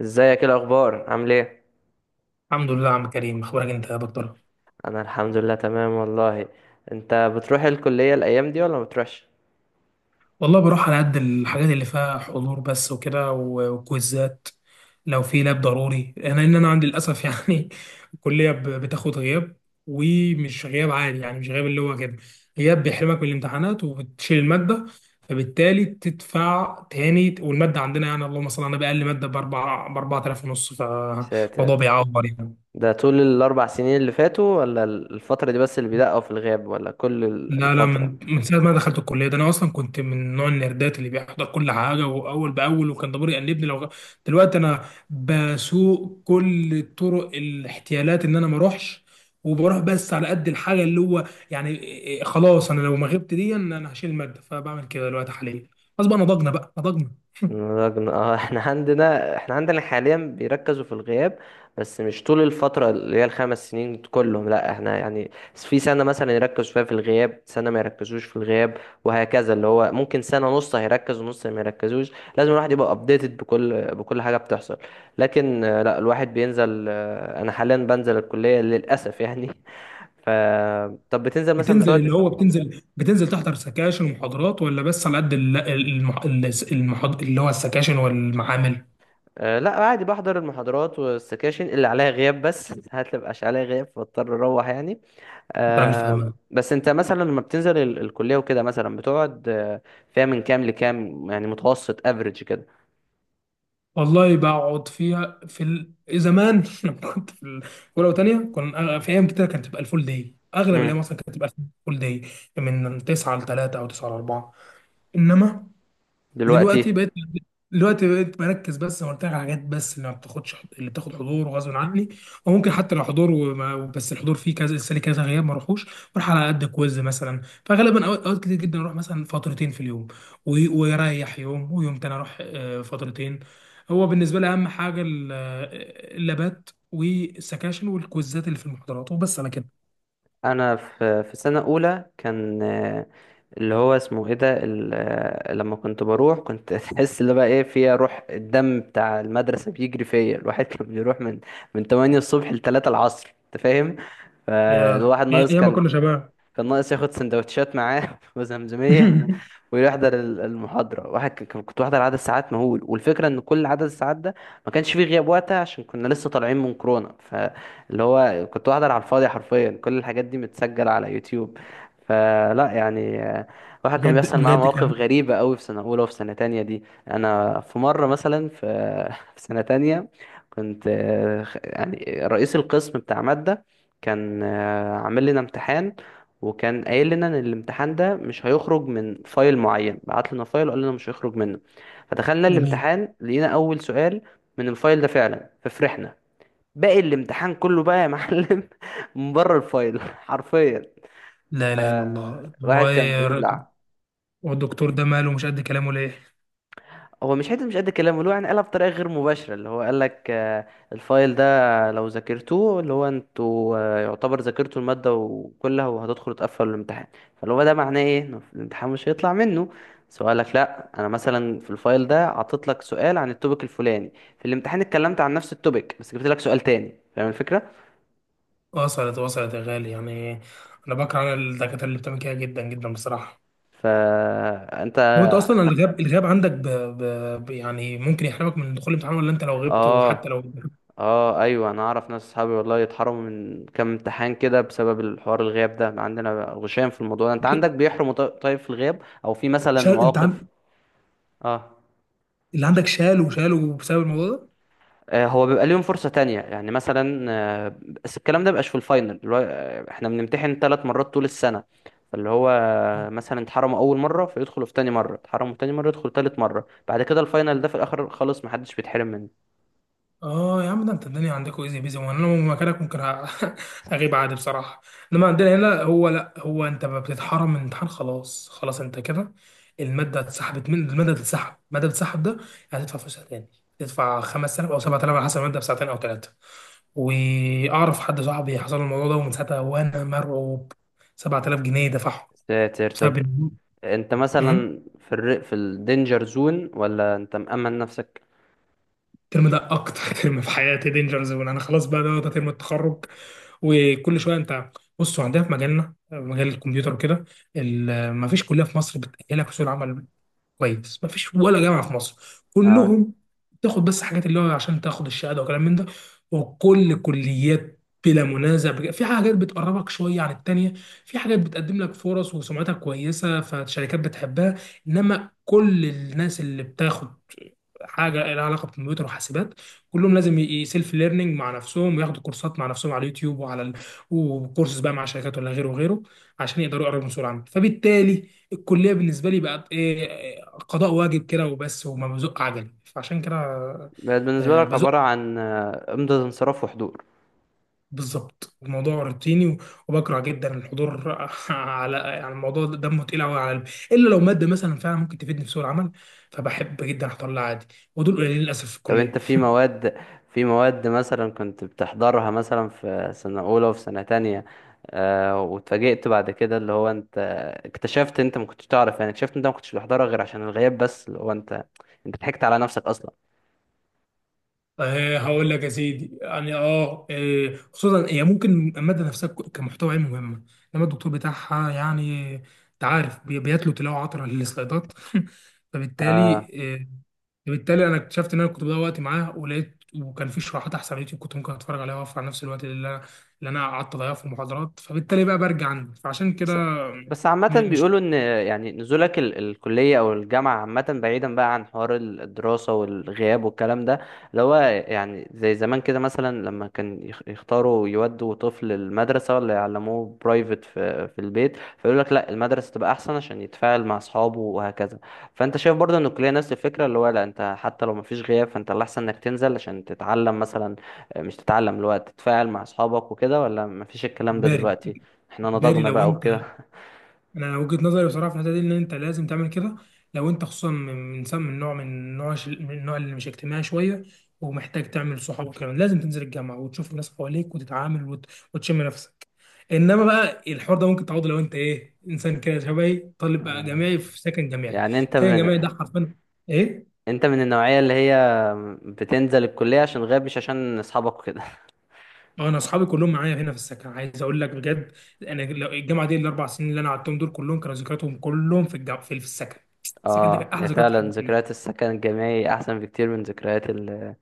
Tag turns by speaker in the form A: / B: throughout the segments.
A: ازيك؟ ايه الاخبار؟ عامل ايه؟
B: الحمد لله يا عم كريم، اخبارك انت يا دكتور؟
A: انا الحمد لله تمام والله. انت بتروح الكليه الايام دي ولا ما بتروحش؟
B: والله بروح على قد الحاجات اللي فيها حضور بس وكده و- وكويزات. لو في لاب ضروري انا انا عندي للاسف يعني الكليه بتاخد غياب، ومش غياب عادي. يعني مش غياب اللي هو كده، غياب بيحرمك من الامتحانات وبتشيل الماده، فبالتالي تدفع تاني. والماده عندنا يعني اللهم صل على النبي اقل ماده ب 4، ب 4000 ونص،
A: يا
B: فالموضوع
A: ساتر،
B: بيعور يعني.
A: ده طول الاربع سنين اللي فاتوا ولا الفتره دي بس اللي بيدقوا في الغياب ولا كل
B: لا،
A: الفتره؟
B: من ساعة ما دخلت الكلية ده أنا أصلا كنت من نوع النردات اللي بيحضر كل حاجة وأول بأول، وكان ضميري يأنبني لو دلوقتي أنا بسوق كل طرق الاحتيالات إن أنا ما أروحش، وبروح بس على قد الحاجة اللي هو يعني إيه- إيه خلاص، أنا لو ما غبت دي أنا هشيل المادة، فبعمل كده دلوقتي حاليا. خلاص بقى، نضجنا بقى نضجنا.
A: رجل اه احنا عندنا، احنا عندنا حاليا بيركزوا في الغياب، بس مش طول الفترة اللي هي الخمس سنين كلهم. لا احنا يعني في سنة مثلا يركزوا فيها في الغياب، سنة ما يركزوش في الغياب وهكذا، اللي هو ممكن سنة نص هيركز ونص ما يركزوش. لازم الواحد يبقى ابديتد بكل حاجة بتحصل. لكن لا الواحد بينزل، انا حاليا بنزل الكلية للأسف يعني ف طب بتنزل مثلا
B: بتنزل
A: بتقعد؟
B: اللي هو بتنزل بتنزل تحضر سكاشن ومحاضرات ولا بس على قد اللي هو السكاشن والمعامل؟
A: أه لا عادي بحضر المحاضرات والسكاشن اللي عليها غياب بس ساعات اللي مبقاش عليها غياب فاضطر اروح يعني.
B: أنت راجل
A: أه.
B: فاهمان.
A: بس انت مثلا لما بتنزل الكلية وكده مثلا بتقعد فيها من كام لكام يعني، متوسط افريج كده؟
B: والله بقعد فيها زمان لما كنت في اولى وثانيه كنا في ايام كتير كانت تبقى الفول داي، اغلب الايام
A: امم.
B: اصلا كانت الفول داي من 9 ل 3 او 9 ل 4. انما
A: دلوقتي
B: دلوقتي بقيت دلوقتي بقيت بركز بس زي ما قلت لك على حاجات بس اللي ما بتاخدش، اللي بتاخد حضور وغصب عني، او ممكن حتى لو حضور وما بس الحضور فيه كذا، السنه كذا غياب ما اروحوش. بروح على قد كويز مثلا، فغالبا أوقات كتير جدا اروح مثلا فترتين في اليوم، و- ويريح يوم، ويوم تاني اروح فترتين. هو بالنسبه لي اهم حاجه اللابات والسكاشن والكويزات اللي في المحاضرات، وبس على كده.
A: انا في سنه اولى كان اللي هو اسمه ايه ده لما كنت بروح كنت تحس اللي بقى ايه فيها روح الدم بتاع المدرسه بيجري فيا. الواحد كان بيروح من 8 الصبح ل 3 العصر، انت فاهم؟
B: يا
A: فالواحد
B: يا
A: ناقص
B: يا ما
A: كان،
B: كنا شباب.
A: كان ناقص ياخد سندوتشات معاه وزمزمية ويحضر المحاضرة. واحد كنت بحضر عدد ساعات مهول، والفكرة ان كل عدد الساعات ده ما كانش فيه غياب وقتها عشان كنا لسه طالعين من كورونا. فاللي هو كنت بحضر على الفاضي حرفيا، كل الحاجات دي متسجلة على يوتيوب. فلا يعني واحد كان بيحصل معاه
B: بجد
A: مواقف
B: كان
A: غريبة قوي في سنة أولى وفي سنة تانية. دي أنا في مرة مثلا في في سنة تانية كنت يعني رئيس القسم بتاع مادة كان عامل لنا امتحان، وكان قايل لنا ان الامتحان ده مش هيخرج من فايل معين، بعت لنا فايل وقال لنا مش هيخرج منه. فدخلنا
B: جميل.
A: الامتحان لقينا اول سؤال من الفايل ده فعلا، ففرحنا. باقي الامتحان كله بقى يا معلم من بره الفايل حرفيا.
B: لا
A: ف-
B: اله الا الله،
A: واحد
B: هو
A: كان بيبلع.
B: هو الدكتور ده ماله مش قد كلامه ليه؟
A: هو مش حته مش قد الكلام، اللي هو يعني قالها بطريقه غير مباشره، اللي هو قال لك الفايل ده لو ذاكرتوه اللي هو انتوا، يعتبر ذاكرتوا الماده وكلها وهتدخلوا تقفلوا الامتحان. فاللي هو ده معناه ايه؟ انه الامتحان مش هيطلع منه سؤالك. لا انا مثلا في الفايل ده عطيت لك سؤال عن التوبيك الفلاني، في الامتحان اتكلمت عن نفس التوبيك بس جبت لك سؤال تاني، فاهم الفكره؟
B: وصلت، يا غالي. يعني انا بكره الدكاتره اللي بتعمل كده جدا جدا بصراحه.
A: فانت
B: لو انت اصلا الغياب عندك يعني ممكن يحرمك من دخول الامتحان، ولا انت لو غبت وحتى
A: اه.
B: لو
A: اه ايوه، انا اعرف ناس اصحابي والله يتحرموا من كام امتحان كده بسبب الحوار الغياب ده، عندنا غشام في الموضوع ده. انت عندك بيحرموا؟ طيب في الغياب او في مثلا
B: شال انت
A: مواقف
B: عن...
A: اه؟
B: اللي عندك شالوا بسبب الموضوع
A: هو بيبقى ليهم فرصة تانية يعني مثلا بس الكلام ده مبقاش في الفاينل، اللي هو احنا بنمتحن ثلاث مرات طول السنة. فاللي هو
B: ده؟
A: مثلا اتحرموا أول مرة فيدخلوا في تاني مرة، اتحرموا تاني مرة يدخلوا تالت مرة، بعد كده الفاينل ده في الآخر خالص محدش بيتحرم منه.
B: اه يا عم، ده انت الدنيا عندكم ايزي بيزي، وانا لو مكانك ممكن اغيب عادي بصراحه. انما عندنا هنا هو لا، هو انت ما بتتحرم من الامتحان، خلاص انت كده الماده اتسحبت، من الماده تتسحب الماده تتسحب ده هتدفع فلوسها تاني. هتدفع 5000 او 7000 على حسب الماده بساعتين او ثلاثه. واعرف حد صاحبي حصل له الموضوع ده، ومن ساعتها وانا مرعوب. 7000 جنيه دفعهم
A: ساتر. طب
B: بسبب
A: انت
B: ال-
A: مثلا في في الدينجر زون ولا انت مأمن نفسك؟
B: الترم ده. اكتر ترم في حياتي دينجر زون انا، خلاص بقى، ده ترم التخرج. وكل شويه انت... بصوا، عندنا في مجالنا، مجال الكمبيوتر وكده، ما فيش كليه في مصر بتاهلك لسوق العمل كويس، مفيش ولا جامعه في مصر.
A: اه.
B: كلهم بتاخد بس حاجات اللي هو عشان تاخد الشهاده وكلام من ده. وكل كليات بلا منازع في حاجات بتقربك شويه عن التانيه، في حاجات بتقدم لك فرص وسمعتها كويسه فالشركات بتحبها. انما كل الناس اللي بتاخد حاجه لها علاقه بالكمبيوتر وحاسبات كلهم لازم يسيلف ليرنينج مع نفسهم وياخدوا كورسات مع نفسهم على اليوتيوب وعلى وكورسز بقى مع شركات ولا غيره وغيره، عشان يقدروا يقربوا من سرعه. فبالتالي الكليه بالنسبه لي بقت ايه إيه، قضاء واجب كده وبس، وما بزق عجل، فعشان كده
A: بقت بالنسبة لك
B: بزق
A: عبارة عن إمضة انصراف وحضور؟
B: بالظبط. الموضوع روتيني وبكره جدا الحضور على يعني الموضوع ده دمه تقيل قوي على قلبي، الا لو ماده مثلا فعلا ممكن تفيدني في سوق العمل، فبحب جدا احضر لها عادي، ودول قليلين للاسف في
A: طب
B: الكليه.
A: انت في مواد، في مواد مثلا كنت بتحضرها مثلا في سنة أولى وفي سنة تانية، آه واتفاجئت بعد كده اللي هو انت اكتشفت، انت ما كنتش تعرف يعني اكتشفت انت ما كنتش بتحضرها غير عشان الغياب بس، اللي هو انت، انت ضحكت على نفسك اصلا؟
B: هقول لك يا سيدي، يعني اه خصوصا هي ممكن الماده نفسها كمحتوى علمي مهمه، انما الدكتور بتاعها يعني انت عارف بيتلو تلاوه عطره للسلايدات.
A: آه.
B: فبالتالي آه، فبالتالي انا اكتشفت ان انا كنت بضيع وقتي معاه، ولقيت وكان في شروحات احسن على اليوتيوب كنت ممكن اتفرج عليها واوفر على نفس الوقت اللي انا قعدت اضيعه في المحاضرات، فبالتالي بقى برجع عندي فعشان كده.
A: بس بس عامة
B: م- مش
A: بيقولوا إن يعني نزولك الكلية أو الجامعة، عامة بعيدا بقى عن حوار الدراسة والغياب والكلام ده، اللي هو يعني زي زمان كده مثلا لما كان يختاروا يودوا طفل المدرسة ولا يعلموه برايفت في البيت، فيقول لك لا المدرسة تبقى أحسن عشان يتفاعل مع أصحابه وهكذا. فأنت شايف برضه إن الكلية نفس الفكرة، اللي هو لا أنت حتى لو مفيش غياب فأنت الأحسن إنك تنزل عشان تتعلم مثلا، مش تتعلم اللي هو تتفاعل مع أصحابك وكده، ولا مفيش الكلام ده
B: باري،
A: دلوقتي؟ احنا نضجنا
B: لو
A: بقى
B: انت...
A: وكده.
B: انا وجهة نظري بصراحه في الحته دي ان انت لازم تعمل كده. لو انت خصوصا من نوع من النوع اللي مش اجتماعي شويه، ومحتاج تعمل صحاب، وكمان لازم تنزل الجامعه وتشوف الناس حواليك وتتعامل وتشم نفسك. انما بقى الحوار ده ممكن تعوضه لو انت انسان كده شبهي، طالب بقى
A: آه.
B: جامعي في سكن جامعي.
A: يعني انت
B: سكن جامعي ده
A: من،
B: حرفيا ايه.
A: انت من النوعية اللي هي بتنزل الكلية عشان غاب مش عشان اصحابك وكده؟
B: اه، انا اصحابي كلهم معايا هنا في السكن، عايز اقول لك بجد. انا الجامعه دي الاربع سنين اللي انا قعدتهم دول كلهم كانوا ذكرياتهم كلهم في الجامعه في السكن. السكن ده كان
A: اه
B: احلى
A: يا،
B: ذكريات في
A: فعلا
B: حياتي،
A: ذكريات السكن الجامعي احسن بكتير من ذكريات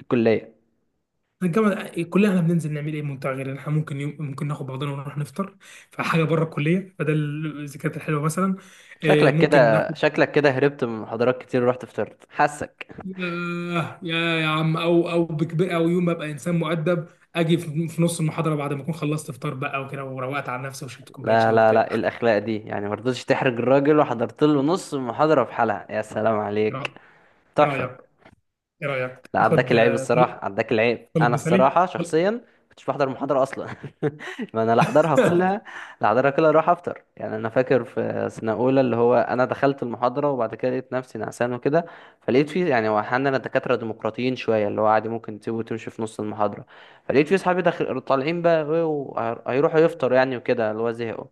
A: الكلية.
B: الجامعة. الكلية احنا بننزل نعمل ايه ممتع؟ غير إن احنا ممكن يوم ناخد بعضنا ونروح نفطر، فحاجة بره الكلية، فده الذكريات الحلوة مثلا.
A: شكلك
B: ممكن
A: كده،
B: ناخد
A: شكلك كده هربت من محاضرات كتير ورحت فطرت، حاسك.
B: ياه، يا عم، او بكبر او يوم ابقى انسان مؤدب، اجي في نص المحاضرة بعد ما اكون خلصت فطار بقى وكده، وروقت على نفسي وشربت كوباية
A: لا
B: شاي
A: لا
B: وبتاع.
A: لا، إيه الاخلاق دي يعني؟ مرضتش تحرج الراجل وحضرت له نص المحاضرة في حالها، يا سلام
B: ايه
A: عليك،
B: رأ- إيه
A: تحفة.
B: رأيك؟ ايه رأيك؟
A: لا عداك
B: اخد
A: العيب الصراحة، عداك العيب.
B: طلب
A: أنا
B: مثالي؟
A: الصراحة شخصيا كنتش بحضر محاضرة أصلا ما أنا لا أحضرها كلها، لا أحضرها كلها أروح أفطر. يعني أنا فاكر في سنة أولى اللي هو أنا دخلت المحاضرة وبعد كده لقيت نفسي نعسان وكده، فلقيت فيه يعني، هو أحيانا الدكاترة ديمقراطيين شوية، اللي هو عادي ممكن تسيبه وتمشي في نص المحاضرة. فلقيت فيه صحابي داخل طالعين بقى وهيروحوا يفطروا يعني وكده، اللي هو زهقوا.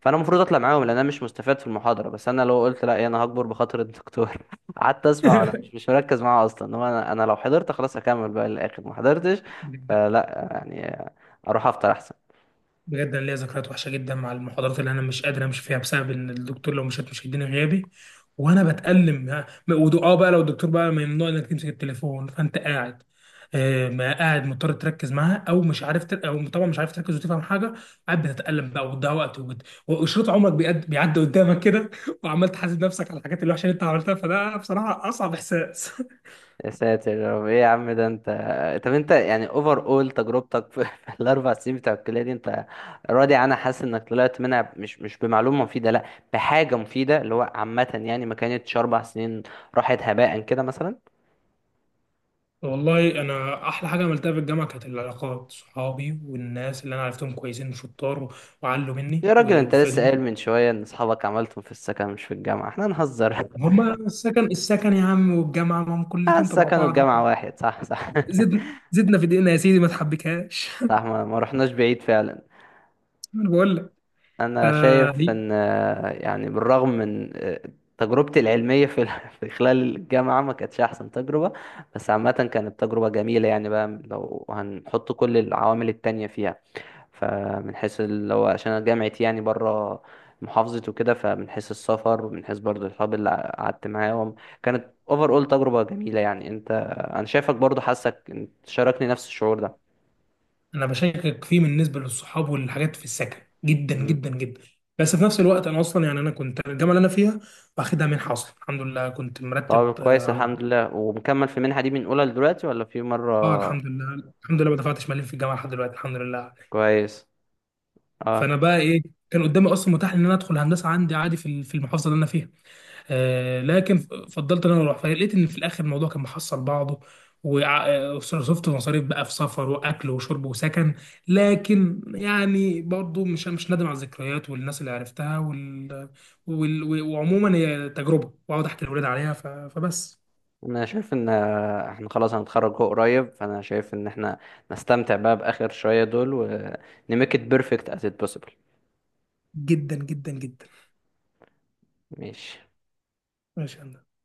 A: فأنا المفروض أطلع معاهم لأن أنا مش مستفاد في المحاضرة، بس أنا لو قلت لا أنا هكبر بخاطر الدكتور قعدت اسمع وانا مش مركز معاه اصلا. انما انا، لو حضرت خلاص اكمل بقى للاخر، ما حضرتش فلا يعني، اروح افطر احسن.
B: بجد انا ليا ذكريات وحشه جدا مع المحاضرات اللي انا مش قادر امشي فيها بسبب ان الدكتور لو مشيت مش هيديني غيابي، وانا بتألم. ها، م- ودو- اه بقى لو الدكتور بقى ممنوع انك تمسك التليفون، فانت قاعد ما قاعد مضطر تركز معاها او مش عارف او طبعا مش عارف تركز وتفهم حاجه. قاعد بتتألم بقى وتضيع وقت وشريط عمرك بيعدي قدامك كده، وعمال تحاسب نفسك على الحاجات الوحشه اللي انت عملتها. فده بصراحه اصعب احساس.
A: يا ساتر يا رب، ايه يا عم ده انت. طب انت يعني اوفر اول تجربتك في في الاربع سنين بتوع الكليه دي، انت راضي عنها؟ حاسس انك طلعت منها مش مش بمعلومه مفيده، لا بحاجه مفيده اللي هو عامه، يعني ما كانتش اربع سنين راحت هباء كده مثلا؟
B: والله انا احلى حاجه عملتها في الجامعه كانت العلاقات، صحابي والناس اللي انا عرفتهم كويسين وشطار وعلوا مني
A: يا راجل انت لسه
B: وفادوني.
A: قايل من شويه ان اصحابك عملتهم في السكن مش في الجامعه، احنا نهزر
B: هما السكن، يا عم، والجامعه ما هم كلنا تبع
A: السكن
B: بعض
A: والجامعه
B: يعني.
A: واحد، صح صح
B: زدنا في دقيقنا يا سيدي، ما تحبكهاش.
A: صح، ما رحناش بعيد فعلا.
B: انا بقول لك...
A: انا شايف
B: آه ليه؟
A: ان يعني بالرغم من تجربتي العلميه في في خلال الجامعه ما كانتش احسن تجربه، بس عامه كانت تجربه جميله يعني بقى لو هنحط كل العوامل التانية فيها. فمن حيث اللي هو عشان انا جامعتي يعني بره محافظتي وكده، فمن حيث السفر ومن حيث برضه الصحاب اللي قعدت معاهم، كانت اوفر اول تجربه جميله يعني. انت انا شايفك برضه حاسك انت شاركني نفس الشعور
B: انا بشكك فيه بالنسبه للصحاب والحاجات في السكن، جدا
A: ده؟
B: جدا جدا. بس في نفس الوقت انا اصلا يعني انا كنت الجامعه اللي انا فيها واخدها منحه اصلا، الحمد لله كنت مرتب
A: طب
B: اه
A: كويس الحمد لله، ومكمل في المنحة دي من أولى لدلوقتي ولا في مرة؟
B: الحمد لله، ما دفعتش مليم في الجامعه لحد دلوقتي، الحمد لله.
A: كويس.
B: فانا
A: اه.
B: بقى ايه، كان قدامي اصلا متاح ان انا ادخل هندسه عندي عادي في المحافظه اللي انا فيها. آه لكن فضلت ان انا اروح، فلقيت ان في الاخر الموضوع كان محصل بعضه، وصرفت مصاريف بقى في سفر واكل وشرب وسكن. لكن يعني برضو مش نادم على الذكريات والناس اللي عرفتها وعموما هي تجربه، واقعد احكي لاولاد عليها، فبس.
A: أنا شايف إن إحنا خلاص هنتخرج هو قريب، فأنا شايف إن إحنا نستمتع بقى بآخر شوية دول ونميك إت بيرفكت as it possible.
B: جدا جدا جدا.
A: ماشي.
B: ماشي يا هندسة.